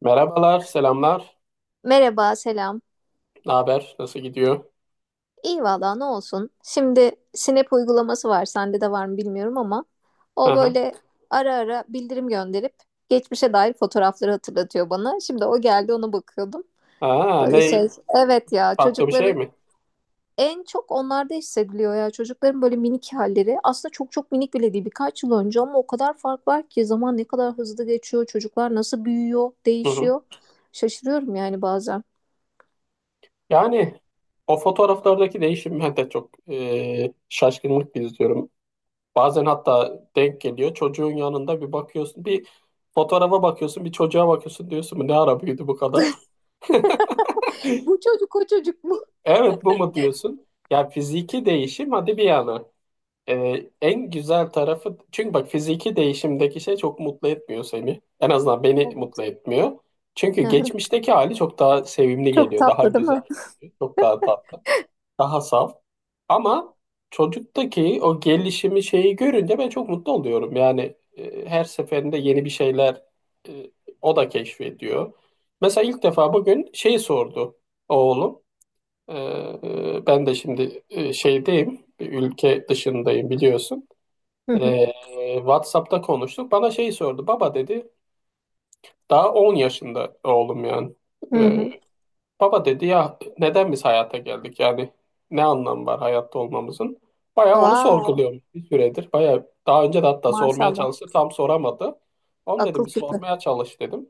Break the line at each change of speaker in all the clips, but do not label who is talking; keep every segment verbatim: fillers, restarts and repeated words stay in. Merhabalar, selamlar.
Merhaba, selam.
Ne haber? Nasıl gidiyor?
İyi valla, ne olsun. Şimdi Snap uygulaması var. Sende de var mı bilmiyorum ama o
Aha.
böyle ara ara bildirim gönderip geçmişe dair fotoğrafları hatırlatıyor bana. Şimdi o geldi, ona bakıyordum.
Aa,
Böyle şey.
ne?
Evet ya,
Farklı bir şey
çocukların
mi?
en çok onlarda hissediliyor ya. Çocukların böyle minik halleri. Aslında çok çok minik bile değil. Birkaç yıl önce ama o kadar fark var ki, zaman ne kadar hızlı geçiyor. Çocuklar nasıl büyüyor,
Hı hı.
değişiyor. Şaşırıyorum yani bazen.
Yani o fotoğraflardaki değişim ben de çok e, şaşkınlık izliyorum. Bazen hatta denk geliyor. Çocuğun yanında bir bakıyorsun, bir fotoğrafa bakıyorsun, bir çocuğa bakıyorsun diyorsun. Bu ne ara büyüdü bu kadar?
Bu çocuk o çocuk mu?
Evet bu mu diyorsun? Ya fiziki değişim hadi bir yana. Ee, en güzel tarafı çünkü bak fiziki değişimdeki şey çok mutlu etmiyor seni. En azından beni
Evet.
mutlu etmiyor. Çünkü geçmişteki hali çok daha sevimli
Çok
geliyor, daha
tatlı değil
güzel
mi?
geliyor, çok daha tatlı, daha saf. Ama çocuktaki o gelişimi şeyi görünce ben çok mutlu oluyorum. Yani e, her seferinde yeni bir şeyler e, o da keşfediyor. Mesela ilk defa bugün şeyi sordu oğlum. Ee, ben de şimdi e, şeydeyim, bir ülke dışındayım biliyorsun.
Hı hı.
Ee, WhatsApp'ta konuştuk. Bana şey sordu. Baba dedi. Daha on yaşında oğlum yani.
Hı
Ee,
hı.
baba dedi ya, neden biz hayata geldik? Yani ne anlam var hayatta olmamızın? Bayağı onu
Wow,
sorguluyorum bir süredir. Bayağı daha önce de hatta sormaya
maşallah.
çalıştı. Tam soramadı. Onu
Akıl
dedim bir
küpü.
sormaya çalış dedim.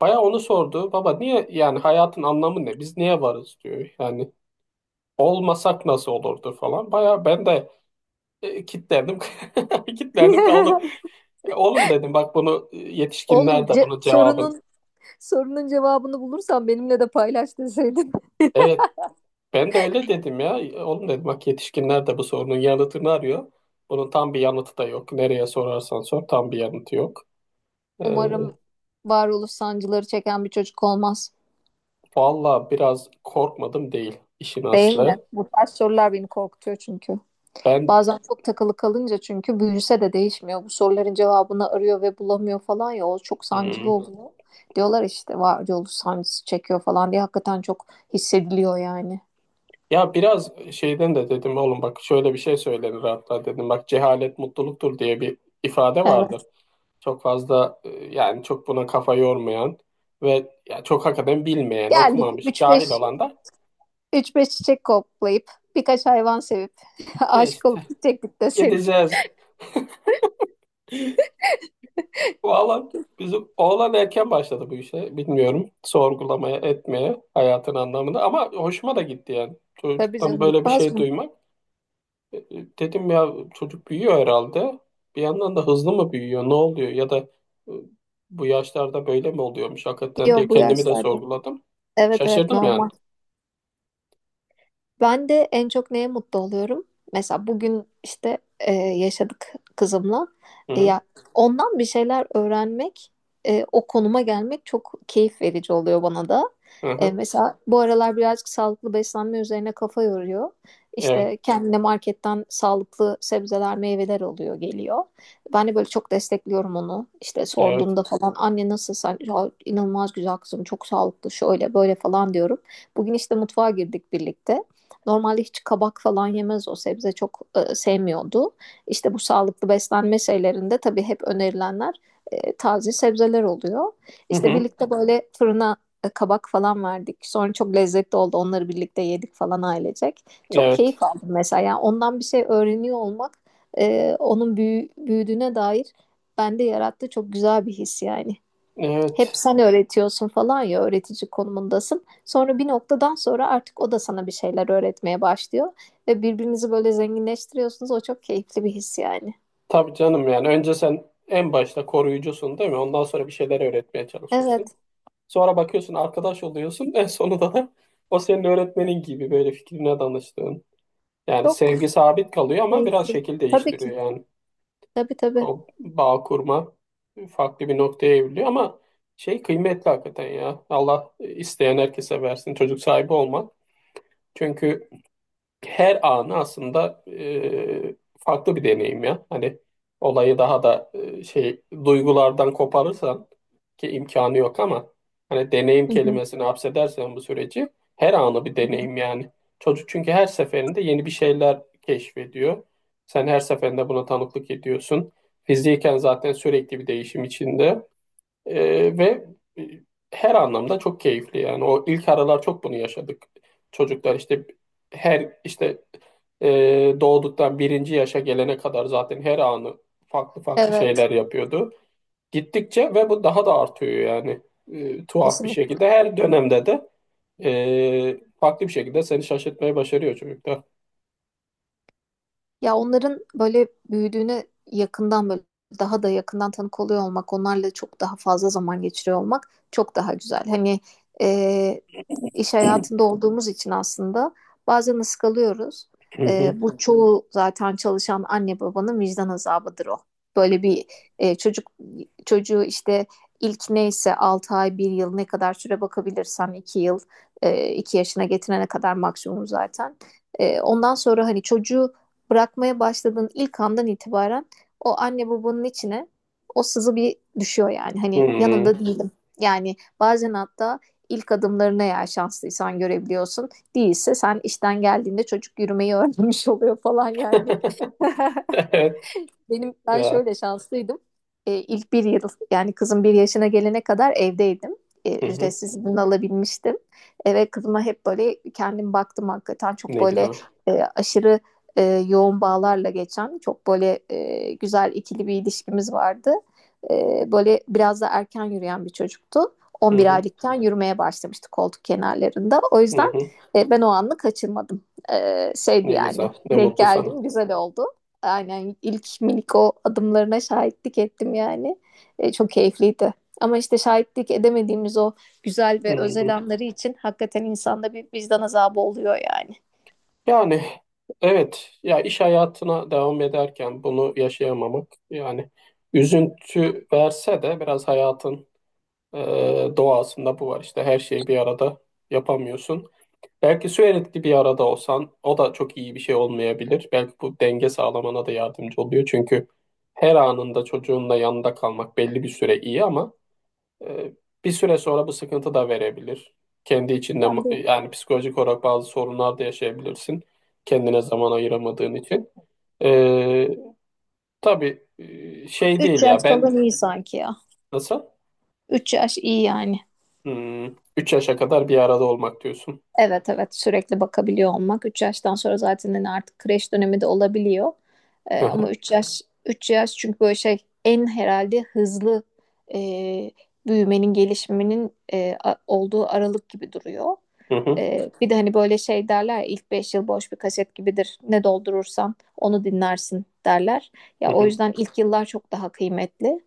Bayağı onu sordu. Baba niye, yani hayatın anlamı ne? Biz niye varız diyor. Yani olmasak nasıl olurdu falan. Bayağı ben de e, kitlendim. Kitlendim kaldım. E, Oğlum dedim bak bunu e,
Oğlum,
yetişkinler de
ce-
bunun cevabını.
sorunun sorunun cevabını bulursan benimle de paylaş deseydin.
Evet, ben de öyle dedim ya. E, Oğlum dedim bak yetişkinler de bu sorunun yanıtını arıyor. Bunun tam bir yanıtı da yok. Nereye sorarsan sor tam bir yanıtı yok. E,
Umarım varoluş sancıları çeken bir çocuk olmaz.
valla biraz korkmadım değil işin
Değil mi?
aslı.
Bu tarz sorular beni korkutuyor çünkü.
Ben
Bazen çok takılı kalınca çünkü büyüse de değişmiyor. Bu soruların cevabını arıyor ve bulamıyor falan ya, o çok sancılı
hmm,
oluyor. Diyorlar işte varoluş sancısı çekiyor falan diye, hakikaten çok hissediliyor yani.
ya biraz şeyden de dedim, oğlum bak şöyle bir şey söylenir hatta dedim. Bak cehalet mutluluktur diye bir ifade vardır.
Evet.
Çok fazla e, yani çok buna kafa yormayan ve ya çok hakikaten bilmeyen,
Geldik,
okumamış, cahil
3-5
olan da
3-5 çiçek koklayıp birkaç hayvan sevip
E
aşık
işte
olup gidecektik deseydim.
gideceğiz. Bu alan bizim oğlan erken başladı bu işe. Bilmiyorum sorgulamaya, etmeye hayatın anlamını, ama hoşuma da gitti yani.
Tabii
Çocuktan
canım,
böyle bir
gitmez
şey
mi?
duymak. E, e, Dedim ya çocuk büyüyor herhalde. Bir yandan da hızlı mı büyüyor, ne oluyor ya da e, bu yaşlarda böyle mi oluyormuş hakikaten diye
Yok, bu
kendimi de
yaşlarda.
sorguladım.
Evet, evet,
Şaşırdım yani.
normal. Ben de en çok neye mutlu oluyorum? Mesela bugün işte e, yaşadık kızımla.
Hı
E,
hı.
ya ondan bir şeyler öğrenmek, e, o konuma gelmek çok keyif verici oluyor bana da.
Hı
E,
hı.
mesela bu aralar birazcık sağlıklı beslenme üzerine kafa yoruyor.
Evet.
İşte kendine marketten sağlıklı sebzeler, meyveler oluyor, geliyor. Ben de böyle çok destekliyorum onu. İşte
Evet.
sorduğunda falan, "Anne nasıl, sen?" Ya, inanılmaz güzel kızım, çok sağlıklı, şöyle böyle falan diyorum. Bugün işte mutfağa girdik birlikte. Normalde hiç kabak falan yemez, o sebze çok e, sevmiyordu. İşte bu sağlıklı beslenme şeylerinde tabii hep önerilenler e, taze sebzeler oluyor.
Hı
İşte
hı.
birlikte böyle fırına e, kabak falan verdik. Sonra çok lezzetli oldu. Onları birlikte yedik falan, ailecek. Çok
Evet.
keyif aldım mesela. Yani ondan bir şey öğreniyor olmak, e, onun büyü- büyüdüğüne dair bende yarattı çok güzel bir his yani. Hep
Evet.
sen öğretiyorsun falan ya, öğretici konumundasın. Sonra bir noktadan sonra artık o da sana bir şeyler öğretmeye başlıyor. Ve birbirinizi böyle zenginleştiriyorsunuz. O çok keyifli bir his yani.
Tabii canım, yani önce sen en başta koruyucusun, değil mi? Ondan sonra bir şeyler öğretmeye çalışıyorsun.
Evet,
Sonra bakıyorsun arkadaş oluyorsun. En sonunda da o senin öğretmenin gibi, böyle fikrine danıştığın. Yani
çok
sevgi sabit kalıyor ama biraz
keyifli.
şekil
Tabii
değiştiriyor
ki.
yani.
Tabii, tabii.
O bağ kurma farklı bir noktaya evriliyor ama şey kıymetli hakikaten ya. Allah isteyen herkese versin çocuk sahibi olmak. Çünkü her anı aslında e, farklı bir deneyim ya. Hani olayı daha da e, şey, duygulardan koparırsan, ki imkanı yok ama, hani deneyim
Hı hı.
kelimesini hapsedersen bu süreci, her anı bir deneyim yani. Çocuk çünkü her seferinde yeni bir şeyler keşfediyor. Sen her seferinde buna tanıklık ediyorsun. Fiziken zaten sürekli bir değişim içinde. Ee, ve e, her anlamda çok keyifli yani. O ilk aralar çok bunu yaşadık. Çocuklar işte her işte e, doğduktan birinci yaşa gelene kadar zaten her anı farklı farklı
Evet,
şeyler yapıyordu. Gittikçe ve bu daha da artıyor yani, E, tuhaf bir
kesinlikle.
şekilde. Her dönemde de e, farklı bir şekilde seni şaşırtmayı başarıyor çocuklar.
Ya, onların böyle büyüdüğüne yakından, böyle daha da yakından tanık oluyor olmak, onlarla çok daha fazla zaman geçiriyor olmak çok daha güzel. Hani e, iş hayatında olduğumuz için aslında bazen ıskalıyoruz.
Hı
E,
hı.
bu çoğu zaten çalışan anne babanın vicdan azabıdır o. Böyle bir e, çocuk çocuğu işte ilk neyse altı ay, bir yıl, ne kadar süre bakabilirsen, iki yıl, e, iki yaşına getirene kadar maksimum zaten. E, ondan sonra hani çocuğu bırakmaya başladığın ilk andan itibaren o anne babanın içine o sızı bir düşüyor yani. Hani yanında
Hı.
değilim. Yani bazen hatta ilk adımlarını, eğer şanslıysan, görebiliyorsun. Değilse sen işten geldiğinde çocuk yürümeyi öğrenmiş oluyor falan yani.
Evet
Benim ben
ya.
şöyle şanslıydım. Ee, ilk bir yıl, yani kızım bir yaşına gelene kadar evdeydim. Ee,
Hı hı.
ücretsiz izin alabilmiştim. Ee, ve kızıma hep böyle kendim baktım. Hakikaten çok
Ne
böyle
güzel.
e, aşırı e, yoğun bağlarla geçen çok böyle e, güzel, ikili bir ilişkimiz vardı. Ee, böyle biraz da erken yürüyen bir çocuktu.
Hı
on bir
hı.
aylıkken yürümeye başlamıştı koltuk kenarlarında. O
Hı
yüzden
hı.
e, ben o anı kaçırmadım. Ee, şeydi
Ne
yani,
güzel. Ne
denk
mutlu sana.
geldim, güzel oldu. Aynen, ilk minik o adımlarına şahitlik ettim yani. E, çok keyifliydi. Ama işte şahitlik edemediğimiz o güzel ve
Hmm.
özel anları için hakikaten insanda bir vicdan azabı oluyor yani.
Yani evet ya, iş hayatına devam ederken bunu yaşayamamak yani, üzüntü verse de biraz hayatın e, doğasında bu var işte, her şeyi bir arada yapamıyorsun. Belki sürekli bir arada olsan o da çok iyi bir şey olmayabilir. Belki bu denge sağlamana da yardımcı oluyor. Çünkü her anında çocuğunla yanında kalmak belli bir süre iyi, ama Ee, bir süre sonra bu sıkıntı da verebilir. Kendi içinde
Yani bir
yani psikolojik olarak bazı sorunlar da yaşayabilirsin. Kendine zaman ayıramadığın için. Ee, tabii e, şey
üç
değil
yaş
ya ben,
falan iyi sanki ya.
nasıl?
Üç yaş iyi yani.
Hmm, üç yaşa kadar bir arada olmak diyorsun.
Evet, evet, sürekli bakabiliyor olmak. Üç yaştan sonra zaten hani artık kreş dönemi de olabiliyor. E,
Hı
ama
hı,
üç yaş, üç yaş çünkü böyle şey, en herhalde hızlı e, büyümenin gelişiminin e, a- olduğu aralık gibi duruyor.
hı hı,
Ee, bir de hani böyle şey derler ya, ilk beş yıl boş bir kaset gibidir. Ne doldurursan onu dinlersin derler. Ya,
hı
o
hı.
yüzden ilk yıllar çok daha kıymetli.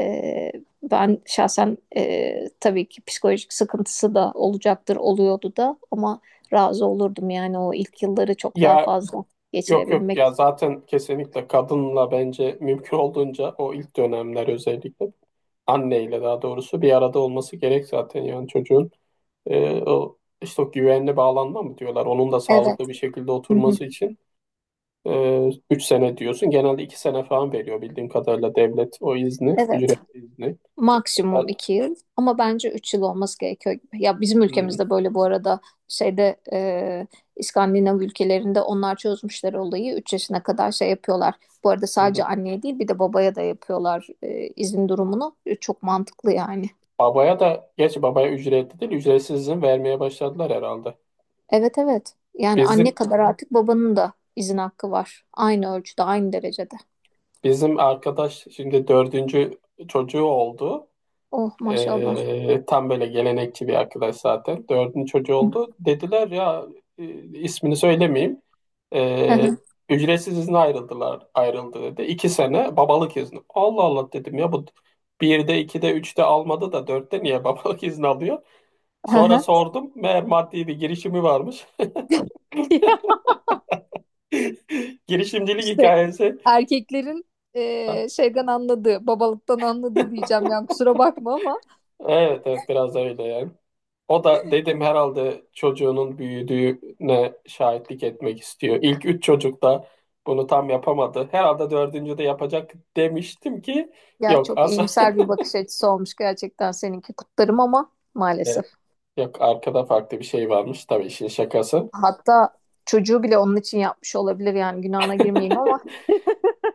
Ee, ben şahsen e, tabii ki psikolojik sıkıntısı da olacaktır, oluyordu da ama razı olurdum yani o ilk yılları çok daha
Ya
fazla
yok yok,
geçirebilmek.
ya zaten kesinlikle kadınla bence mümkün olduğunca o ilk dönemler, özellikle anneyle, daha doğrusu bir arada olması gerek zaten, yani çocuğun. e, o, işte o güvenli bağlanma mı diyorlar. Onun da
Evet.
sağlıklı bir şekilde
Hı hı.
oturması için e, üç sene diyorsun. Genelde iki sene falan veriyor bildiğim kadarıyla devlet o izni,
Evet.
ücretli izni.
Maksimum
Özel-
iki yıl ama bence üç yıl olması gerekiyor gibi. Ya, bizim
Hmm,
ülkemizde böyle. Bu arada şeyde, e, İskandinav ülkelerinde onlar çözmüşler olayı. Üç yaşına kadar şey yapıyorlar. Bu arada
hı hı.
sadece anneye değil, bir de babaya da yapıyorlar e, izin durumunu. E, çok mantıklı yani.
Babaya da, geç, babaya ücretli değil, ücretsiz izin vermeye başladılar herhalde.
Evet, evet, yani anne
Bizim
kadar artık babanın da izin hakkı var. Aynı ölçüde, aynı derecede.
bizim arkadaş şimdi dördüncü çocuğu oldu.
Oh, maşallah.
Ee, tam böyle gelenekçi bir arkadaş zaten. Dördüncü çocuğu oldu. Dediler ya, e, ismini söylemeyeyim. Ee, ücretsiz izne ayrıldılar. Ayrıldı dedi. İki sene babalık izni. Allah Allah dedim ya, bu birde, ikide, üçte almadı da dörtte niye babalık izni alıyor? Sonra sordum. Meğer maddi bir girişimi varmış. Girişimcilik
İşte
hikayesi.
erkeklerin eee, şeyden anladığı, babalıktan anladığı diyeceğim yani, kusura bakma ama.
Evet evet, biraz öyle yani. O da dedim herhalde çocuğunun büyüdüğüne şahitlik etmek istiyor. İlk üç çocuk da bunu tam yapamadı. Herhalde dördüncü de yapacak demiştim ki
Ya,
yok,
çok
asla.
iyimser bir bakış açısı olmuş gerçekten seninki, kutlarım ama
E,
maalesef.
Yok, arkada farklı bir şey varmış, tabii işin şakası.
Hatta çocuğu bile onun için yapmış olabilir yani, günahına girmeyeyim ama.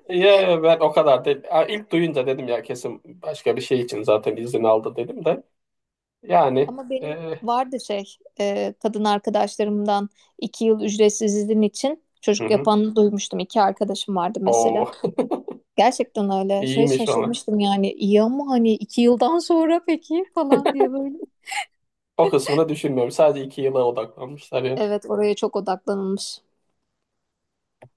Ya ben o kadar değil. Ha, İlk duyunca dedim ya kesin başka bir şey için zaten izin aldı, dedim de. Yani
Ama benim
e,
vardı şey, eee, kadın arkadaşlarımdan iki yıl ücretsiz izin için
hı
çocuk
hı.
yapanı duymuştum. İki arkadaşım vardı mesela.
Oo,
Gerçekten öyle. Şey,
iyiymiş ona.
şaşırmıştım yani. İyi ama hani iki yıldan sonra peki falan diye, böyle.
O kısmını düşünmüyorum. Sadece iki yıla odaklanmışlar
Evet, oraya çok odaklanılmış.